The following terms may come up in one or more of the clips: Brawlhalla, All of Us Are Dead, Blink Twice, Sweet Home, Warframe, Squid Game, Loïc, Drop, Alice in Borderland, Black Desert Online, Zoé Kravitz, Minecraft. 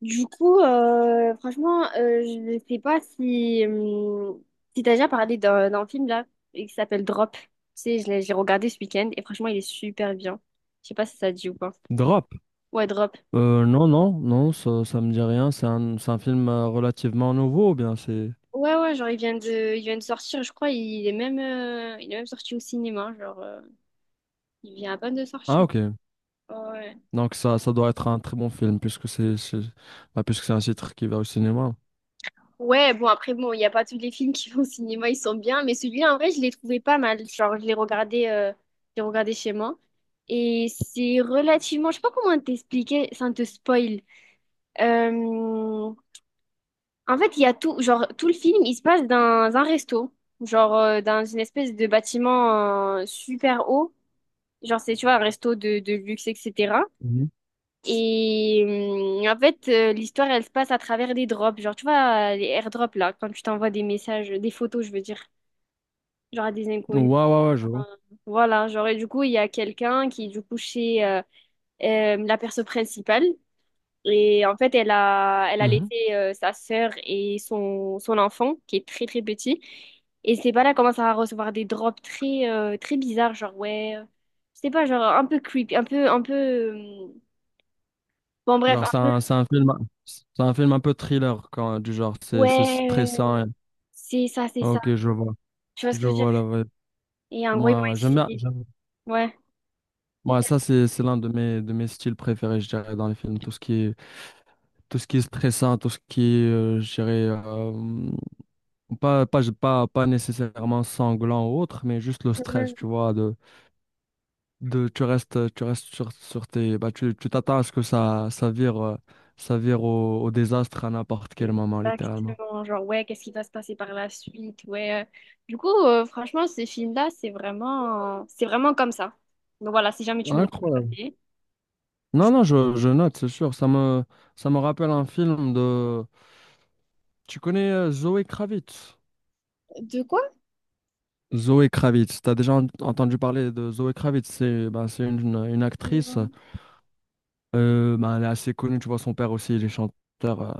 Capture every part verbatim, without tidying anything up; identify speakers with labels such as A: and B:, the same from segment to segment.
A: Du coup, euh, franchement, euh, je ne sais pas si, hum, si t'as déjà parlé d'un d'un film là, et qui s'appelle Drop. Tu sais, je l'ai j'ai regardé ce week-end et franchement, il est super bien. Je sais pas si ça te dit ou pas.
B: Drop.
A: Ouais, Drop.
B: Euh, non, non, non, ça, ça me dit rien. C'est un, c'est un film euh, relativement nouveau, ou bien c'est.
A: Ouais, ouais, genre, il vient de, il vient de sortir, je crois, il est même, euh, il est même sorti au cinéma, genre, euh, il vient à peine de
B: Ah,
A: sortir.
B: ok.
A: Ouais.
B: Donc ça, ça doit être un très bon film, puisque c'est, c'est- bah, puisque c'est un titre qui va au cinéma.
A: Ouais, bon, après, bon, il n'y a pas tous les films qui vont au cinéma, ils sont bien, mais celui-là, en vrai, je l'ai trouvé pas mal. Genre, je l'ai regardé, euh, je l'ai regardé chez moi. Et c'est relativement, je sais pas comment t'expliquer sans te spoil. Euh, En fait, il y a tout, genre, tout le film, il se passe dans un resto, genre, euh, dans une espèce de bâtiment, euh, super haut. Genre, c'est, tu vois, un resto de, de luxe, et cætera.
B: Mhm.
A: Et hum, en fait, euh, l'histoire, elle se passe à travers des drops. Genre, tu vois, euh, les airdrops, là, quand tu t'envoies des messages, des photos, je veux dire, genre à des
B: Ouais,
A: inconnus.
B: ouais, ouais, je vois.
A: Enfin, voilà, genre, et du coup, il y a quelqu'un qui est du coup chez euh, euh, la perso principale. Et en fait, elle a, elle a
B: Mhm.
A: laissé euh, sa sœur et son, son enfant, qui est très, très petit. Et c'est pas là commence à recevoir des drops très, euh, très bizarres, genre, ouais, euh, je sais pas, genre, un peu creepy, un peu, un peu... hum, bon, bref,
B: Genre,
A: un
B: c'est
A: peu,
B: un, c'est un film, c'est un film un peu thriller, quand, du genre, c'est c'est
A: ouais.
B: stressant. et-
A: C'est ça, c'est ça.
B: Ok, je vois.
A: Tu vois ce que
B: Je
A: je veux
B: vois
A: dire?
B: la vibe.
A: Et en gros, ils vont
B: Moi, ouais, ouais, j'aime bien.
A: essayer.
B: j'aime-
A: Ouais,
B: Moi, ça, c'est c'est l'un de mes, de mes styles préférés, je dirais, dans les films. Tout ce qui est, tout ce qui est stressant, tout ce qui est, euh, je dirais, euh, Pas, pas, pas, pas nécessairement sanglant ou autre, mais juste le stress,
A: ouais,
B: tu vois, de, de tu restes, tu restes sur, sur tes, bah, tu, tu t'attends à ce que ça, ça vire, euh, ça vire au, au désastre à n'importe quel moment, littéralement.
A: exactement. Genre, ouais, qu'est-ce qui va se passer par la suite? Ouais. Du coup, euh, franchement, ce film-là, c'est vraiment... c'est vraiment comme ça. Donc voilà, si jamais tu veux le
B: Incroyable.
A: regarder.
B: Non,
A: Je...
B: non, je, je note, c'est sûr. Ça me, ça me rappelle un film de. Tu connais euh, Zoé Kravitz?
A: de quoi?
B: Zoé Kravitz. T'as déjà en- entendu parler de Zoé Kravitz. C'est, bah, c'est une, une actrice.
A: Non.
B: Euh, ben, elle est assez connue, tu vois, son père aussi, il est chanteur,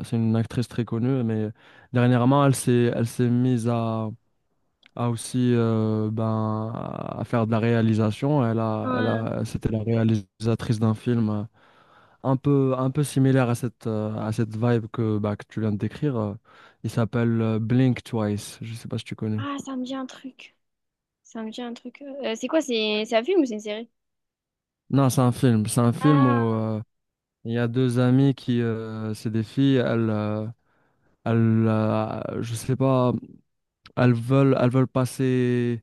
B: euh, c'est une actrice très connue, mais dernièrement, elle s'est, elle s'est mise à, à aussi euh, ben, à faire de la réalisation. Elle a, elle
A: Euh,
B: a, c'était la réalisatrice d'un film euh, un peu, un peu similaire à cette, euh, à cette vibe que, bah, que tu viens de décrire. euh. Il s'appelle euh, Blink Twice, je sais pas si tu connais.
A: ah, ça me dit un truc. Ça me dit un truc. Euh, c'est quoi? C'est c'est un film ou c'est une série?
B: Non, c'est un film, c'est un film où
A: Ah,
B: euh, il y a deux amies qui, euh, c'est des filles, elles, euh, elles, euh, je sais pas. Elles veulent, elles veulent passer,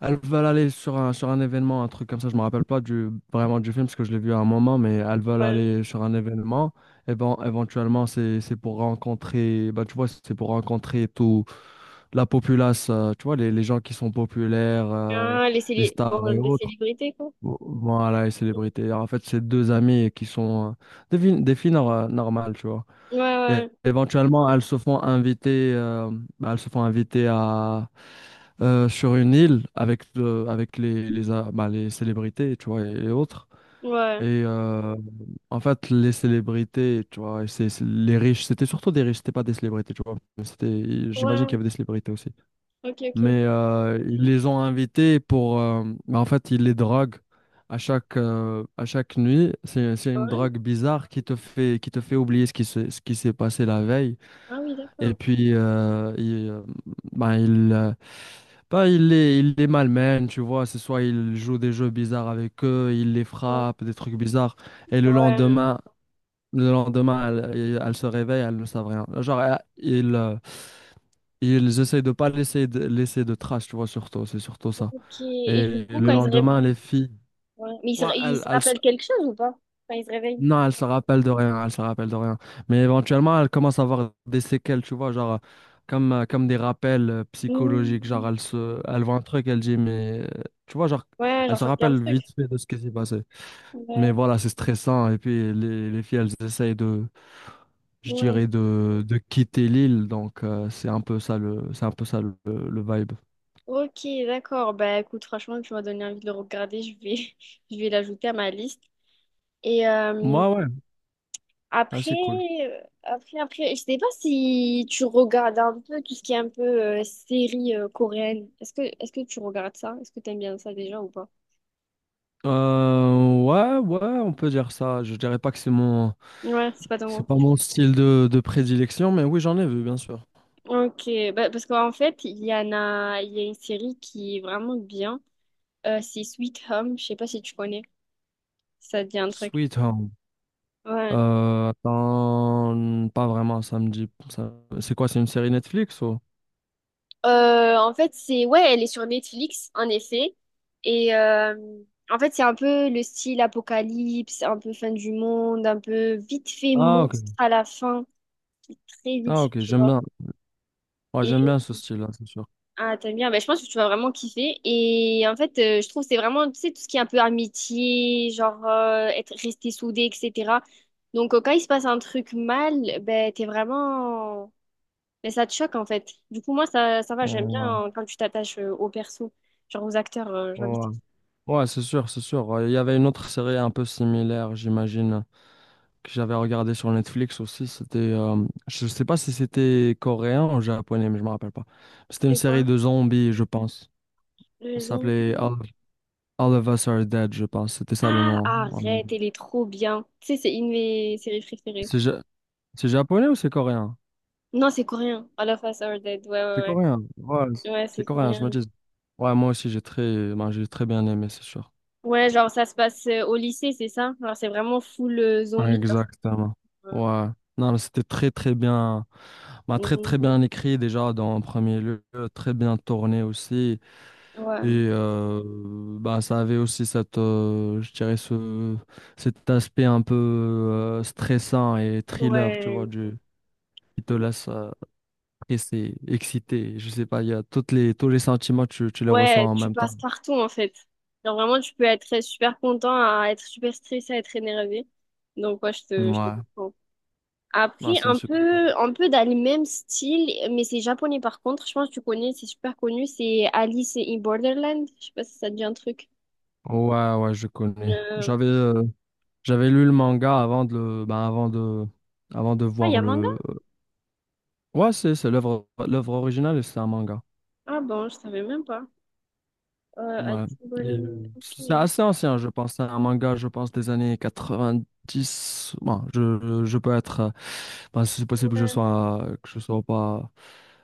B: elles veulent aller sur un, sur un événement, un truc comme ça. Je me rappelle pas du, vraiment du film parce que je l'ai vu à un moment, mais elles veulent
A: ouais.
B: aller sur un événement. Et ben, éventuellement, c'est, c'est pour rencontrer, bah tu vois, c'est pour rencontrer tout la populace, euh, tu vois, les, les gens qui sont populaires, euh,
A: Ah, les
B: les
A: célé...
B: stars
A: bon,
B: et
A: les
B: autres.
A: célébrités, quoi.
B: Vo- Voilà, les célébrités. En fait, c'est deux amis qui sont euh, des, vi- des filles nor- normales, tu vois.
A: Ouais,
B: Et
A: ouais,
B: éventuellement, elles se font inviter, euh, elles se font inviter à, euh, sur une île avec, euh, avec les, les, euh, bah, les célébrités, tu vois, et, et autres.
A: ouais.
B: Et euh, en fait, les célébrités, tu vois, et c'est, c'est- les riches, c'était surtout des riches, c'était pas des célébrités, tu vois. Mais c'était, j'imagine qu'il
A: Ouais,
B: y avait des célébrités aussi.
A: ok, ok.
B: Mais euh, ils les ont invités pour, euh, bah, en fait, ils les droguent à chaque, euh, à chaque nuit. C'est, c'est une
A: Ouais.
B: drogue bizarre qui te fait, qui te fait oublier ce qui s'est, ce qui s'est passé la veille.
A: Ah oui,
B: Et
A: d'accord.
B: puis, euh, il, euh, bah, il, euh, bah, il les, il les malmène, tu vois. C'est soit il joue des jeux bizarres avec eux, il les
A: Ouais.
B: frappe, des trucs bizarres. Et le
A: Ouais.
B: lendemain, le lendemain, elle, il- elle se réveille, elle ne savent rien. Genre, euh, ils, euh, ils essayent de pas laisser de, laisser de traces, tu vois, surtout. C'est surtout ça.
A: Ok. Et du
B: Et
A: coup,
B: le
A: quand il se réveille,
B: lendemain, les filles,
A: mais il se, ré-
B: ouais,
A: il
B: elles,
A: se
B: elles,
A: rappelle quelque chose ou pas? Quand il se réveille.
B: Non, elle se rappelle de rien, elle se rappelle de rien. Mais éventuellement, elle commence à avoir des séquelles, tu vois, genre euh, comme, euh, comme des rappels euh, psychologiques. Genre,
A: Hmm.
B: elle se, elle voit un truc, elle dit, mais euh, tu vois, genre,
A: Ouais,
B: elle
A: genre
B: se
A: ça me dit un
B: rappelle
A: truc.
B: vite fait de ce qui s'est passé.
A: Ouais.
B: Mais voilà, c'est stressant. Et puis, les, les filles, elles essayent de, je
A: Ouais.
B: dirais, de, de quitter l'île. Donc, euh, c'est un peu ça le, c'est un peu ça le, le vibe.
A: Ok, d'accord. Bah écoute, franchement, tu m'as donné envie de le regarder. Je vais, je vais l'ajouter à ma liste. Et euh,
B: Moi, ouais, ouais, ah,
A: après,
B: c'est cool.
A: euh, après, après, je sais pas si tu regardes un peu tout ce qui est un peu euh, série euh, coréenne. Est-ce que, est-ce que tu regardes ça? Est-ce que t'aimes bien ça déjà ou pas?
B: Euh, ouais, ouais, on peut dire ça. Je dirais pas que c'est mon.
A: Ouais, c'est pas ton
B: C'est
A: mot.
B: pas mon style de, de prédilection, mais oui, j'en ai vu, bien sûr.
A: Ok, bah, parce qu'en fait, il y en a, il y a une série qui est vraiment bien. Euh, c'est Sweet Home, je sais pas si tu connais, si ça te dit un truc.
B: Sweet Home.
A: Ouais.
B: Euh, attends, pas vraiment, ça me dit. ça- C'est quoi, c'est une série Netflix ou?
A: Euh, en fait, c'est, ouais, elle est sur Netflix, en effet. Et euh, en fait, c'est un peu le style apocalypse, un peu fin du monde, un peu vite fait
B: Ah, ok.
A: monstre à la fin, qui est très vite
B: Ah,
A: fait,
B: ok,
A: tu
B: j'aime
A: vois.
B: bien. Ouais, j'aime bien ce style-là, c'est sûr.
A: Ah, t'aimes bien. Ben, je pense que tu vas vraiment kiffer. Et en fait, euh, je trouve que c'est vraiment, tu sais, tout ce qui est un peu amitié, genre euh, être resté soudé, et cætera. Donc, euh, quand il se passe un truc mal, ben, t'es vraiment... ben, ça te choque, en fait. Du coup, moi, ça, ça va, j'aime
B: Ouais,
A: bien euh, quand tu t'attaches euh, aux persos, genre aux acteurs, euh, j'ai envie de...
B: ouais.
A: te dire.
B: Ouais, c'est sûr, c'est sûr. Il y avait une autre série un peu similaire, j'imagine, que j'avais regardé sur Netflix aussi, c'était, euh, je sais pas si c'était coréen ou japonais, mais je me rappelle pas. C'était une
A: C'est
B: série
A: quoi?
B: de zombies, je pense. Ça
A: Le
B: s'appelait
A: zombie.
B: All, All of Us Are Dead, je pense. C'était ça le
A: Ah,
B: nom, en anglais.
A: arrête, elle est trop bien. Tu sais, c'est une de mes séries préférées.
B: C'est ja- c'est japonais ou c'est coréen?
A: Non, c'est coréen. All of Us Are Dead, ouais,
B: C'est
A: ouais,
B: coréen. Ouais,
A: ouais. Ouais,
B: c'est
A: c'est
B: coréen,
A: coréen.
B: je me dis. Ouais, moi aussi, j'ai très, ben, j'ai très bien aimé, c'est sûr.
A: Ouais, genre ça se passe euh, au lycée, c'est ça? Genre c'est vraiment full euh,
B: Ouais,
A: zombie. Genre, c'est,
B: exactement.
A: euh,
B: Ouais. Non, mais c'était très, très bien, ben, très, très
A: mm,
B: bien écrit déjà dans un premier lieu, très bien tourné aussi. Et
A: ouais,
B: euh, bah, ça avait aussi cette, euh, je dirais ce, cet aspect un peu euh, stressant et thriller, tu
A: ouais,
B: vois, du, qui te laisse euh, stressé, excité. Je sais pas, il y a toutes les, tous les sentiments, tu, tu les reçois
A: ouais,
B: en
A: tu
B: même temps.
A: passes partout en fait. Genre vraiment, tu peux être super content, à être super stressé, à être énervé. Donc ouais, je te, je te
B: Ouais,
A: comprends. Après,
B: non, c'est une
A: un
B: super.
A: peu, un peu dans le même style, mais c'est japonais par contre. Je pense que tu connais, c'est super connu. C'est Alice in Borderland. Je sais pas si ça te dit un truc.
B: Ouais, ouais, je connais.
A: Euh,
B: J'avais euh, j'avais lu le manga avant de le, bah, avant de, avant de
A: Ah, il y
B: voir
A: a manga?
B: le. Ouais, c'est c'est l'œuvre l'œuvre originale, et c'est un manga.
A: Ah bon, je savais même pas. Euh,
B: Ouais.
A: Alice in
B: Et,
A: Borderland.
B: euh, C'est
A: Ok.
B: assez ancien, je pense. C'est un manga, je pense, des années quatre-vingt-dix. Bon, je, je peux être. euh, ben, c'est possible que je
A: Ouais.
B: sois, que je sois pas,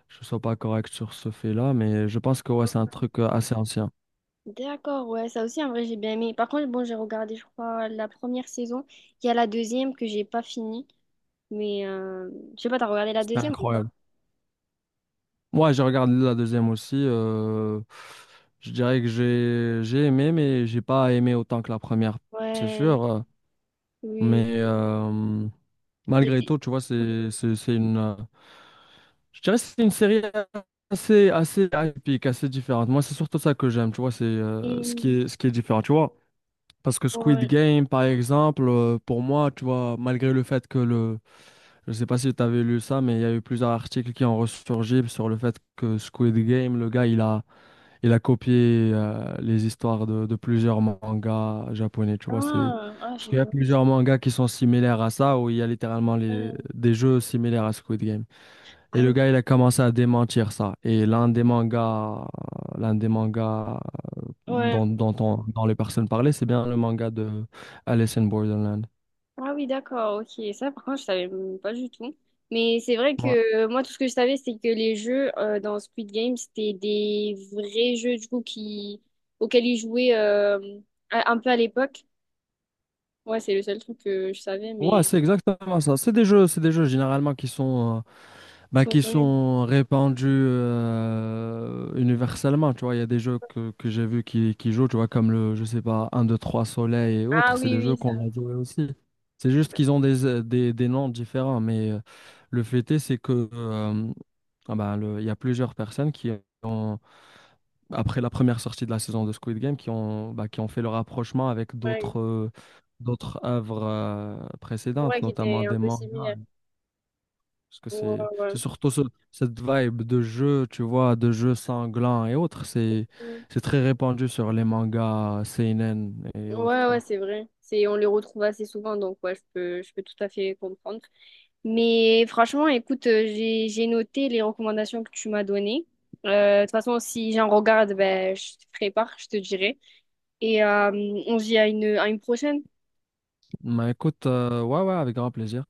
B: je sois pas correct sur ce fait-là, mais je pense que ouais, c'est un truc euh, assez ancien.
A: D'accord, ouais, ça aussi en vrai j'ai bien aimé. Par contre, bon, j'ai regardé, je crois, la première saison. Il y a la deuxième que j'ai pas finie. Mais euh, je sais pas, t'as regardé la
B: C'était
A: deuxième ou pas?
B: incroyable. Moi, j'ai regardé la deuxième aussi. Euh, je dirais que j'ai, j'ai aimé, mais j'ai pas aimé autant que la première, c'est
A: Ouais,
B: sûr. euh,
A: oui.
B: Mais euh,
A: Il y a
B: malgré
A: des...
B: tout, tu vois, c'est, c'est, c'est une. Euh, je dirais que c'est une série assez, assez atypique, assez différente. Moi, c'est surtout ça que j'aime, tu vois, c'est euh, ce qui
A: hum,
B: est, ce qui est différent, tu vois. Parce que Squid
A: ouais.
B: Game, par exemple, euh, pour moi, tu vois, malgré le fait que le. Je sais pas si tu avais lu ça, mais il y a eu plusieurs articles qui ont ressurgi sur le fait que Squid Game, le gars, il a, il a copié euh, les histoires de, de plusieurs mangas japonais, tu vois. C'est.
A: Ah, ah,
B: Parce
A: j'ai
B: qu'il y a
A: pas.
B: plusieurs mangas qui sont similaires à ça, où il y a littéralement les... des jeux similaires à Squid Game. Et
A: Ah
B: le
A: oui,
B: gars, il a commencé à démentir ça. Et l'un des mangas, l'un des mangas
A: ouais.
B: dont, dont, on- dont les personnes parlaient, c'est bien le manga de Alice in Borderland.
A: Ah oui, d'accord, ok. Ça, par contre, je savais même pas du tout. Mais c'est vrai
B: Ouais,
A: que euh, moi, tout ce que je savais, c'est que les jeux euh, dans Squid Game, c'était des vrais jeux, du coup, qui... auxquels ils jouaient euh, à- un peu à l'époque. Ouais, c'est le seul truc que je savais, mais
B: ouais,
A: ils
B: c'est exactement ça. C'est des jeux, c'est des jeux généralement qui sont euh, bah,
A: sont
B: qui
A: connus.
B: sont répandus euh, universellement, tu vois. Il y a des jeux que, que j'ai vus qui, qui jouent, tu vois, comme le, je sais pas, un deux, trois Soleil et
A: Ah
B: autres. C'est
A: oui,
B: des jeux
A: oui, ça.
B: qu'on a joués aussi. C'est juste qu'ils ont des, euh, des, des noms différents. Mais euh, le fait est, c'est que euh, ah bah, le- il y a plusieurs personnes qui ont, après la première sortie de la saison de Squid Game, qui ont, bah, qui ont fait le rapprochement avec
A: Ouais,
B: d'autres euh, d'autres œuvres euh,
A: ouais,
B: précédentes,
A: qui
B: notamment
A: était un
B: des
A: peu
B: mangas.
A: similaire.
B: Parce que
A: Ouais,
B: c'est c'est
A: ouais.
B: surtout ce- cette vibe de jeu, tu vois, de jeu sanglant et autres. C'est
A: Mm.
B: c'est très répandu sur les mangas seinen et autres,
A: Ouais,
B: tu
A: ouais,
B: vois.
A: c'est vrai. C'est, on les retrouve assez souvent, donc ouais, je peux, je peux tout à fait comprendre. Mais franchement, écoute, euh, j'ai, j'ai noté les recommandations que tu m'as données. Euh, de toute façon, si j'en regarde, ben, je te prépare, je te dirai. Et euh, on se dit à une, à une prochaine.
B: Mais écoute, euh, ouais, ouais, avec grand plaisir.